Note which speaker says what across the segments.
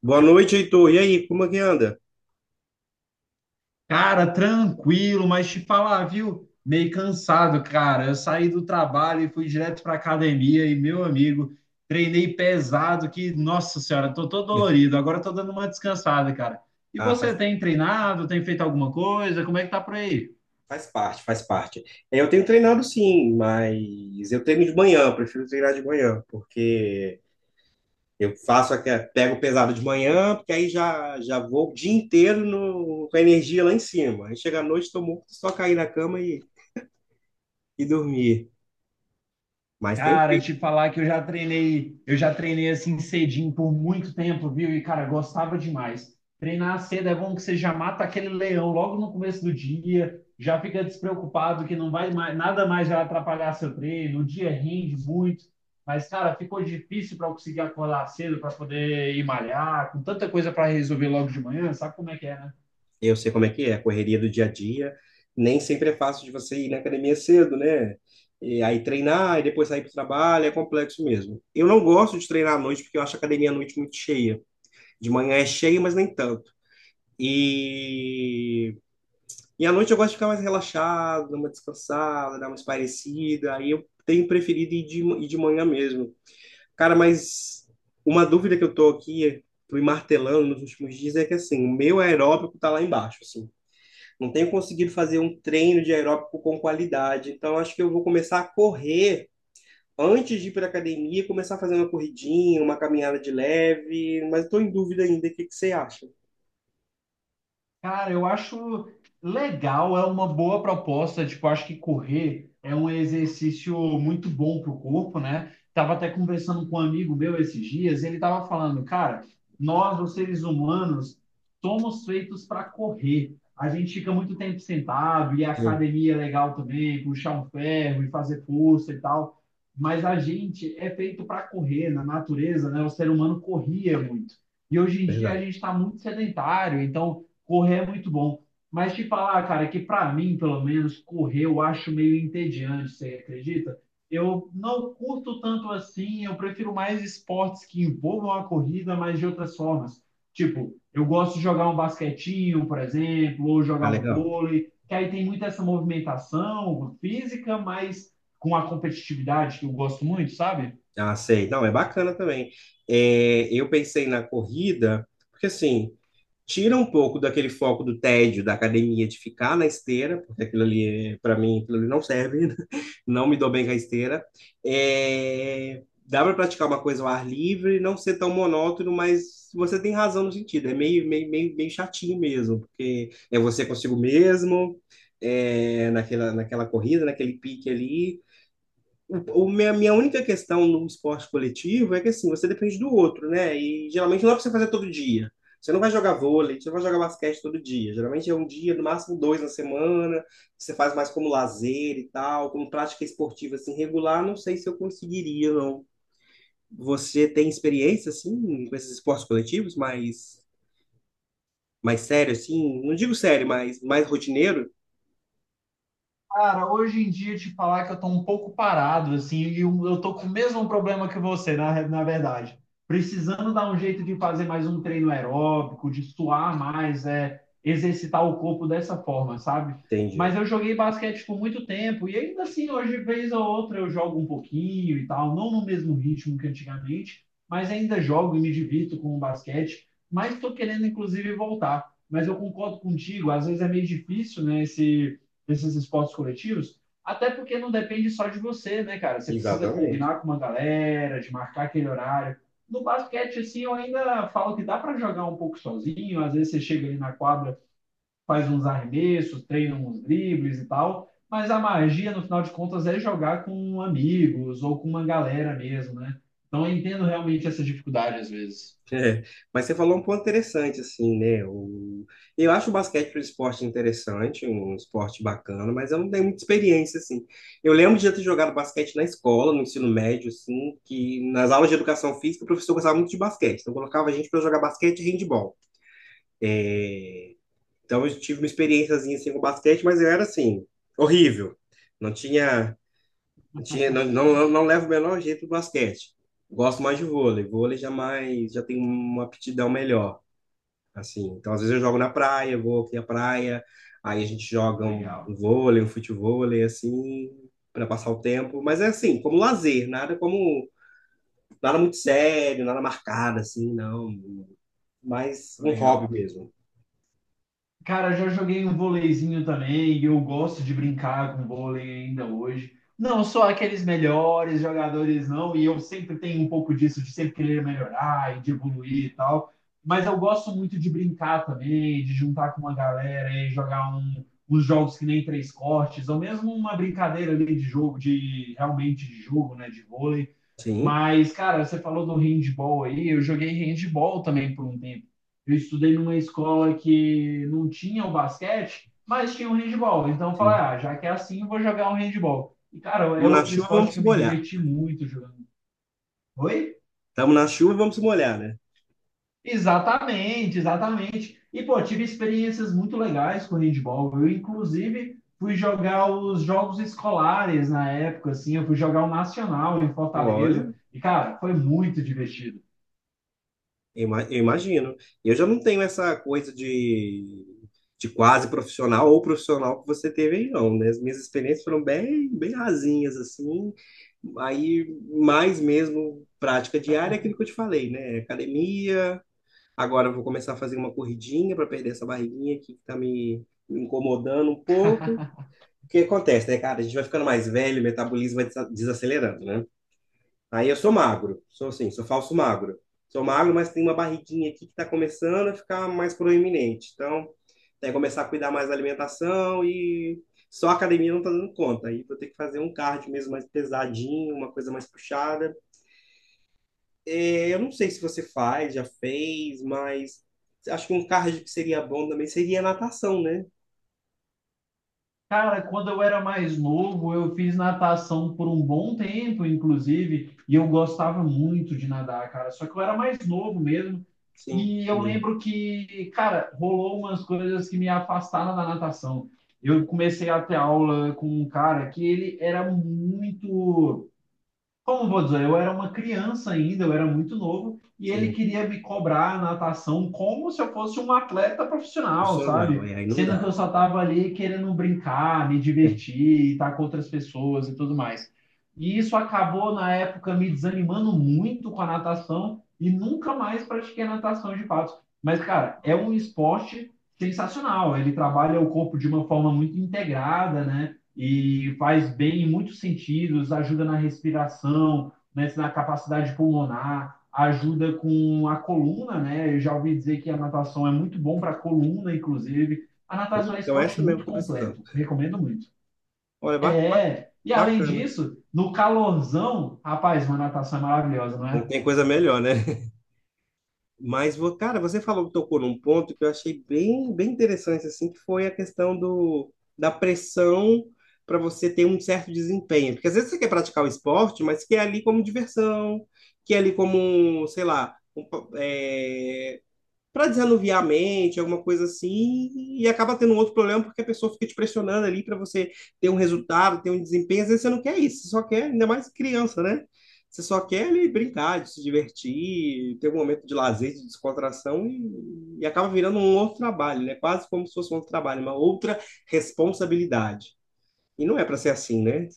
Speaker 1: Boa noite, Heitor. E aí, como é que anda?
Speaker 2: Cara, tranquilo, mas te falar, viu? Meio cansado, cara. Eu saí do trabalho e fui direto pra academia e, meu amigo, treinei pesado que, nossa senhora, tô todo dolorido. Agora tô dando uma descansada, cara. E
Speaker 1: Ah,
Speaker 2: você
Speaker 1: faz,
Speaker 2: tem treinado? Tem feito alguma coisa? Como é que tá por aí?
Speaker 1: faz parte, faz parte. É, eu tenho treinado sim, mas eu treino de manhã, eu prefiro treinar de manhã, porque eu faço aquele, pego pesado de manhã, porque aí já vou o dia inteiro com a energia lá em cima. Aí chega à noite, estou morto, só cair na cama e dormir. Mas tem
Speaker 2: Cara, te falar que eu já treinei assim cedinho por muito tempo, viu? E, cara, gostava demais. Treinar cedo é bom que você já mata aquele leão logo no começo do dia, já fica despreocupado que não vai mais, nada mais vai atrapalhar seu treino, o dia rende muito. Mas, cara, ficou difícil para eu conseguir acordar cedo para poder ir malhar, com tanta coisa para resolver logo de manhã, sabe como é que é, né?
Speaker 1: Eu sei como é que é, a correria do dia a dia. Nem sempre é fácil de você ir na academia cedo, né? E aí treinar e depois sair para o trabalho, é complexo mesmo. Eu não gosto de treinar à noite porque eu acho a academia à noite muito cheia. De manhã é cheia, mas nem tanto. E, e à noite eu gosto de ficar mais relaxado, dar uma descansada, dar uma espairecida. Aí eu tenho preferido ir de manhã mesmo. Cara, mas uma dúvida que eu tô aqui, fui martelando nos últimos dias, é que assim, o meu aeróbico tá lá embaixo, assim, não tenho conseguido fazer um treino de aeróbico com qualidade. Então, acho que eu vou começar a correr antes de ir para a academia, começar a fazer uma corridinha, uma caminhada de leve, mas estou em dúvida ainda. O que que você acha?
Speaker 2: Cara, eu acho legal, é uma boa proposta. Tipo, acho que correr é um exercício muito bom para o corpo, né? Tava até conversando com um amigo meu esses dias, ele tava falando, cara, nós, os seres humanos, somos feitos para correr. A gente fica muito tempo sentado, e a
Speaker 1: Sim,
Speaker 2: academia é legal também, puxar um ferro e fazer força e tal. Mas a gente é feito para correr na natureza, né? O ser humano corria muito. E hoje em dia a
Speaker 1: verdade.
Speaker 2: gente está muito sedentário, então correr é muito bom. Mas te falar, cara, que para mim, pelo menos, correr eu acho meio entediante, você acredita? Eu não curto tanto assim, eu prefiro mais esportes que envolvam a corrida, mas de outras formas. Tipo, eu gosto de jogar um basquetinho, por exemplo, ou jogar
Speaker 1: Ah,
Speaker 2: um
Speaker 1: legal.
Speaker 2: vôlei, que aí tem muito essa movimentação física, mas com a competitividade que eu gosto muito, sabe?
Speaker 1: Ah, sei. Não, é bacana também. É, eu pensei na corrida, porque assim, tira um pouco daquele foco do tédio da academia de ficar na esteira, porque aquilo ali, para mim, aquilo ali não serve, não me dou bem com a esteira. É, dá para praticar uma coisa ao ar livre, não ser tão monótono, mas você tem razão no sentido, é meio chatinho mesmo, porque é você consigo mesmo, é, naquela corrida, naquele pique ali. O minha única questão no esporte coletivo é que assim, você depende do outro, né? E geralmente não é pra você fazer todo dia. Você não vai jogar vôlei, você não vai jogar basquete todo dia. Geralmente é um dia, no máximo dois na semana que Você faz mais como lazer e tal, como prática esportiva assim regular. Não sei se eu conseguiria, não. Você tem experiência assim com esses esportes coletivos, mais sério assim? Não digo sério, mas mais rotineiro?
Speaker 2: Cara, hoje em dia te falar que eu tô um pouco parado, assim, e eu tô com o mesmo problema que você, na verdade. Precisando dar um jeito de fazer mais um treino aeróbico, de suar mais, é, exercitar o corpo dessa forma, sabe? Mas
Speaker 1: Entendi.
Speaker 2: eu joguei basquete por muito tempo, e ainda assim, hoje, vez ou outra, eu jogo um pouquinho e tal, não no mesmo ritmo que antigamente, mas ainda jogo e me divirto com o basquete, mas tô querendo, inclusive, voltar. Mas eu concordo contigo, às vezes é meio difícil, né, esse desses esportes coletivos, até porque não depende só de você, né, cara? Você precisa
Speaker 1: Exatamente.
Speaker 2: combinar com uma galera, de marcar aquele horário. No basquete, assim, eu ainda falo que dá para jogar um pouco sozinho. Às vezes você chega ali na quadra, faz uns arremessos, treina uns dribles e tal. Mas a magia, no final de contas, é jogar com amigos ou com uma galera mesmo, né? Então eu entendo realmente essa dificuldade às vezes.
Speaker 1: É, mas você falou um ponto interessante, assim, né? Eu acho o basquete um esporte interessante, um esporte bacana, mas eu não tenho muita experiência, assim. Eu lembro de já ter jogado basquete na escola, no ensino médio, assim, que nas aulas de educação física o professor gostava muito de basquete, então colocava a gente para jogar basquete e handebol. Então eu tive uma experiênciazinha, assim, com basquete, mas eu era, assim, horrível. Não tinha, não tinha, não, não, não não levo o menor jeito do basquete. Gosto mais de vôlei, vôlei já mais, já tem uma aptidão melhor assim. Então, às vezes eu jogo na praia, vou aqui à praia, aí a gente joga um
Speaker 2: Legal,
Speaker 1: vôlei, um futevôlei, assim, para passar o tempo. Mas é assim, como lazer, nada muito sério, nada marcado, assim, não. Mas um hobby
Speaker 2: legal.
Speaker 1: mesmo.
Speaker 2: Cara, já joguei um vôleizinho também, e eu gosto de brincar com vôlei ainda hoje. Não sou aqueles melhores jogadores, não, e eu sempre tenho um pouco disso, de sempre querer melhorar e de evoluir e tal. Mas eu gosto muito de brincar também, de juntar com uma galera e jogar uns jogos que nem três cortes, ou mesmo uma brincadeira ali de jogo, de realmente de jogo, né, de vôlei.
Speaker 1: Sim,
Speaker 2: Mas, cara, você falou do handball aí, eu joguei handball também por um tempo. Eu estudei numa escola que não tinha o basquete, mas tinha o handball. Então eu falei,
Speaker 1: sim.
Speaker 2: ah, já que é assim, eu vou jogar um handball. E, cara, é
Speaker 1: Estamos na
Speaker 2: outro
Speaker 1: chuva,
Speaker 2: esporte
Speaker 1: vamos
Speaker 2: que
Speaker 1: se
Speaker 2: eu me
Speaker 1: molhar.
Speaker 2: diverti muito jogando. Oi?
Speaker 1: Estamos na chuva, vamos se molhar, né?
Speaker 2: Exatamente, exatamente. E, pô, tive experiências muito legais com handball. Eu, inclusive, fui jogar os jogos escolares na época, assim, eu fui jogar o Nacional em
Speaker 1: Olha,
Speaker 2: Fortaleza. E, cara, foi muito divertido.
Speaker 1: Eu imagino. Eu já não tenho essa coisa de quase profissional ou profissional que você teve aí, não, né? As minhas experiências foram bem, bem rasinhas, assim. Aí, mais mesmo, prática diária é aquilo que eu te falei, né? Academia. Agora eu vou começar a fazer uma corridinha para perder essa barriguinha aqui que tá me incomodando um pouco. O que acontece, né, cara? A gente vai ficando mais velho, o metabolismo vai desacelerando, né? Aí eu sou magro, sou assim, sou falso magro. Sou magro, mas tem uma barriguinha aqui que está começando a ficar mais proeminente. Então, tem que começar a cuidar mais da alimentação e só a academia não está dando conta. Aí vou ter que fazer um cardio mesmo mais pesadinho, uma coisa mais puxada. É, eu não sei se você faz, já fez, mas acho que um cardio que seria bom também seria natação, né?
Speaker 2: Cara, quando eu era mais novo, eu fiz natação por um bom tempo, inclusive, e eu gostava muito de nadar, cara. Só que eu era mais novo mesmo,
Speaker 1: Sim,
Speaker 2: e eu
Speaker 1: sim,
Speaker 2: lembro que, cara, rolou umas coisas que me afastaram da natação. Eu comecei a ter aula com um cara que ele era muito, como vou dizer, eu era uma criança ainda, eu era muito novo, e ele
Speaker 1: sim.
Speaker 2: queria me cobrar a natação como se eu fosse um atleta profissional,
Speaker 1: Profissional,
Speaker 2: sabe?
Speaker 1: é, aí não
Speaker 2: Sendo que
Speaker 1: dá.
Speaker 2: eu só estava ali querendo brincar, me
Speaker 1: É.
Speaker 2: divertir, estar com outras pessoas e tudo mais. E isso acabou, na época, me desanimando muito com a natação e nunca mais pratiquei natação de fato. Mas, cara, é um esporte sensacional. Ele trabalha o corpo de uma forma muito integrada, né? E faz bem em muitos sentidos, ajuda na respiração, né, na capacidade pulmonar, ajuda com a coluna, né? Eu já ouvi dizer que a natação é muito bom para a coluna, inclusive. A natação
Speaker 1: Ih,
Speaker 2: é um
Speaker 1: então,
Speaker 2: esporte
Speaker 1: essa mesmo que
Speaker 2: muito
Speaker 1: eu tô precisando.
Speaker 2: completo, recomendo muito.
Speaker 1: Olha,
Speaker 2: É, e além
Speaker 1: bacana.
Speaker 2: disso, no calorzão, rapaz, uma natação é maravilhosa, não
Speaker 1: Não
Speaker 2: é?
Speaker 1: tem coisa melhor, né? Mas, cara, você falou, tocou num ponto que eu achei bem, bem interessante, assim, que foi a questão da pressão para você ter um certo desempenho. Porque às vezes você quer praticar o esporte, mas quer ali como diversão, quer ali como, sei lá, um, para desanuviar a mente, alguma coisa assim, e acaba tendo um outro problema porque a pessoa fica te pressionando ali para você ter um resultado, ter um desempenho. Às vezes você não quer isso, você só quer, ainda mais criança, né? Você só quer ali brincar, de se divertir, ter um momento de lazer, de descontração e acaba virando um outro trabalho, né? Quase como se fosse um outro trabalho, uma outra responsabilidade. E não é para ser assim, né?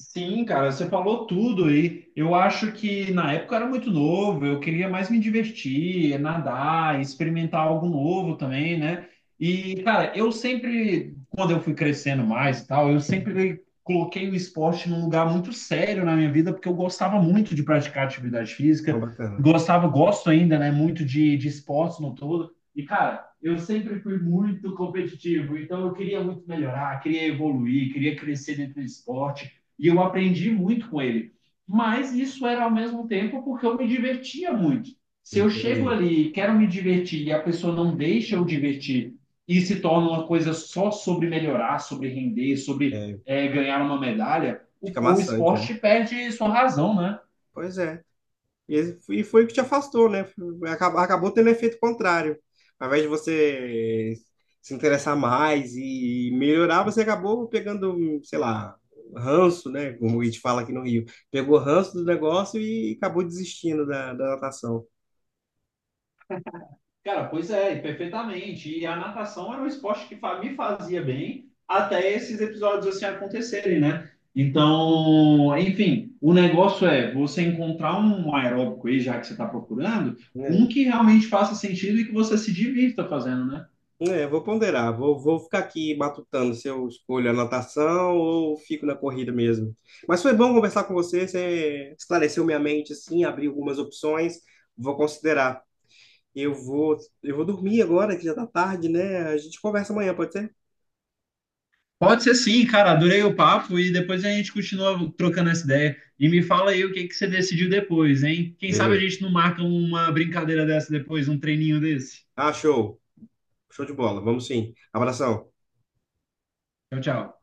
Speaker 2: Sim, cara, você falou tudo aí. Eu acho que na época eu era muito novo, eu queria mais me divertir, nadar, experimentar algo novo também, né? E, cara, eu sempre, quando eu fui crescendo mais e tal, eu sempre coloquei o esporte num lugar muito sério na minha vida, porque eu gostava muito de praticar atividade
Speaker 1: Uma
Speaker 2: física,
Speaker 1: bacana.
Speaker 2: gostava, gosto ainda, né, muito de esportes no todo. E, cara, eu sempre fui muito competitivo, então eu queria muito melhorar, queria evoluir, queria crescer dentro do esporte. E eu aprendi muito com ele. Mas isso era ao mesmo tempo porque eu me divertia muito. Se eu chego
Speaker 1: Entendi.
Speaker 2: ali e quero me divertir e a pessoa não deixa eu divertir e se torna uma coisa só sobre melhorar, sobre render, sobre
Speaker 1: É,
Speaker 2: é, ganhar uma medalha, o,
Speaker 1: fica
Speaker 2: o
Speaker 1: maçante, né?
Speaker 2: esporte perde sua razão, né?
Speaker 1: Pois é. E foi o que te afastou, né? Acabou tendo efeito contrário. Ao invés de você se interessar mais e melhorar, você acabou pegando, sei lá, ranço, né? Como a gente fala aqui no Rio. Pegou ranço do negócio e acabou desistindo da natação.
Speaker 2: Cara, pois é, e perfeitamente. E a natação era um esporte que me fazia bem até esses episódios assim acontecerem, né? Então, enfim, o negócio é você encontrar um aeróbico aí, já que você está procurando, um
Speaker 1: Né?
Speaker 2: que realmente faça sentido e que você se divirta fazendo, né?
Speaker 1: É, vou ponderar, vou ficar aqui matutando se eu escolho a natação ou fico na corrida mesmo. Mas foi bom conversar com você, você esclareceu minha mente, assim, abriu algumas opções, vou considerar. Eu vou, eu vou dormir agora, que já tá tarde, né? A gente conversa amanhã, pode ser?
Speaker 2: Pode ser sim, cara. Adorei o papo e depois a gente continua trocando essa ideia. E me fala aí o que que você decidiu depois, hein? Quem sabe a
Speaker 1: Beleza.
Speaker 2: gente não marca uma brincadeira dessa depois, um treininho desse.
Speaker 1: Ah, show. Show de bola. Vamos sim. Abração.
Speaker 2: Tchau, tchau.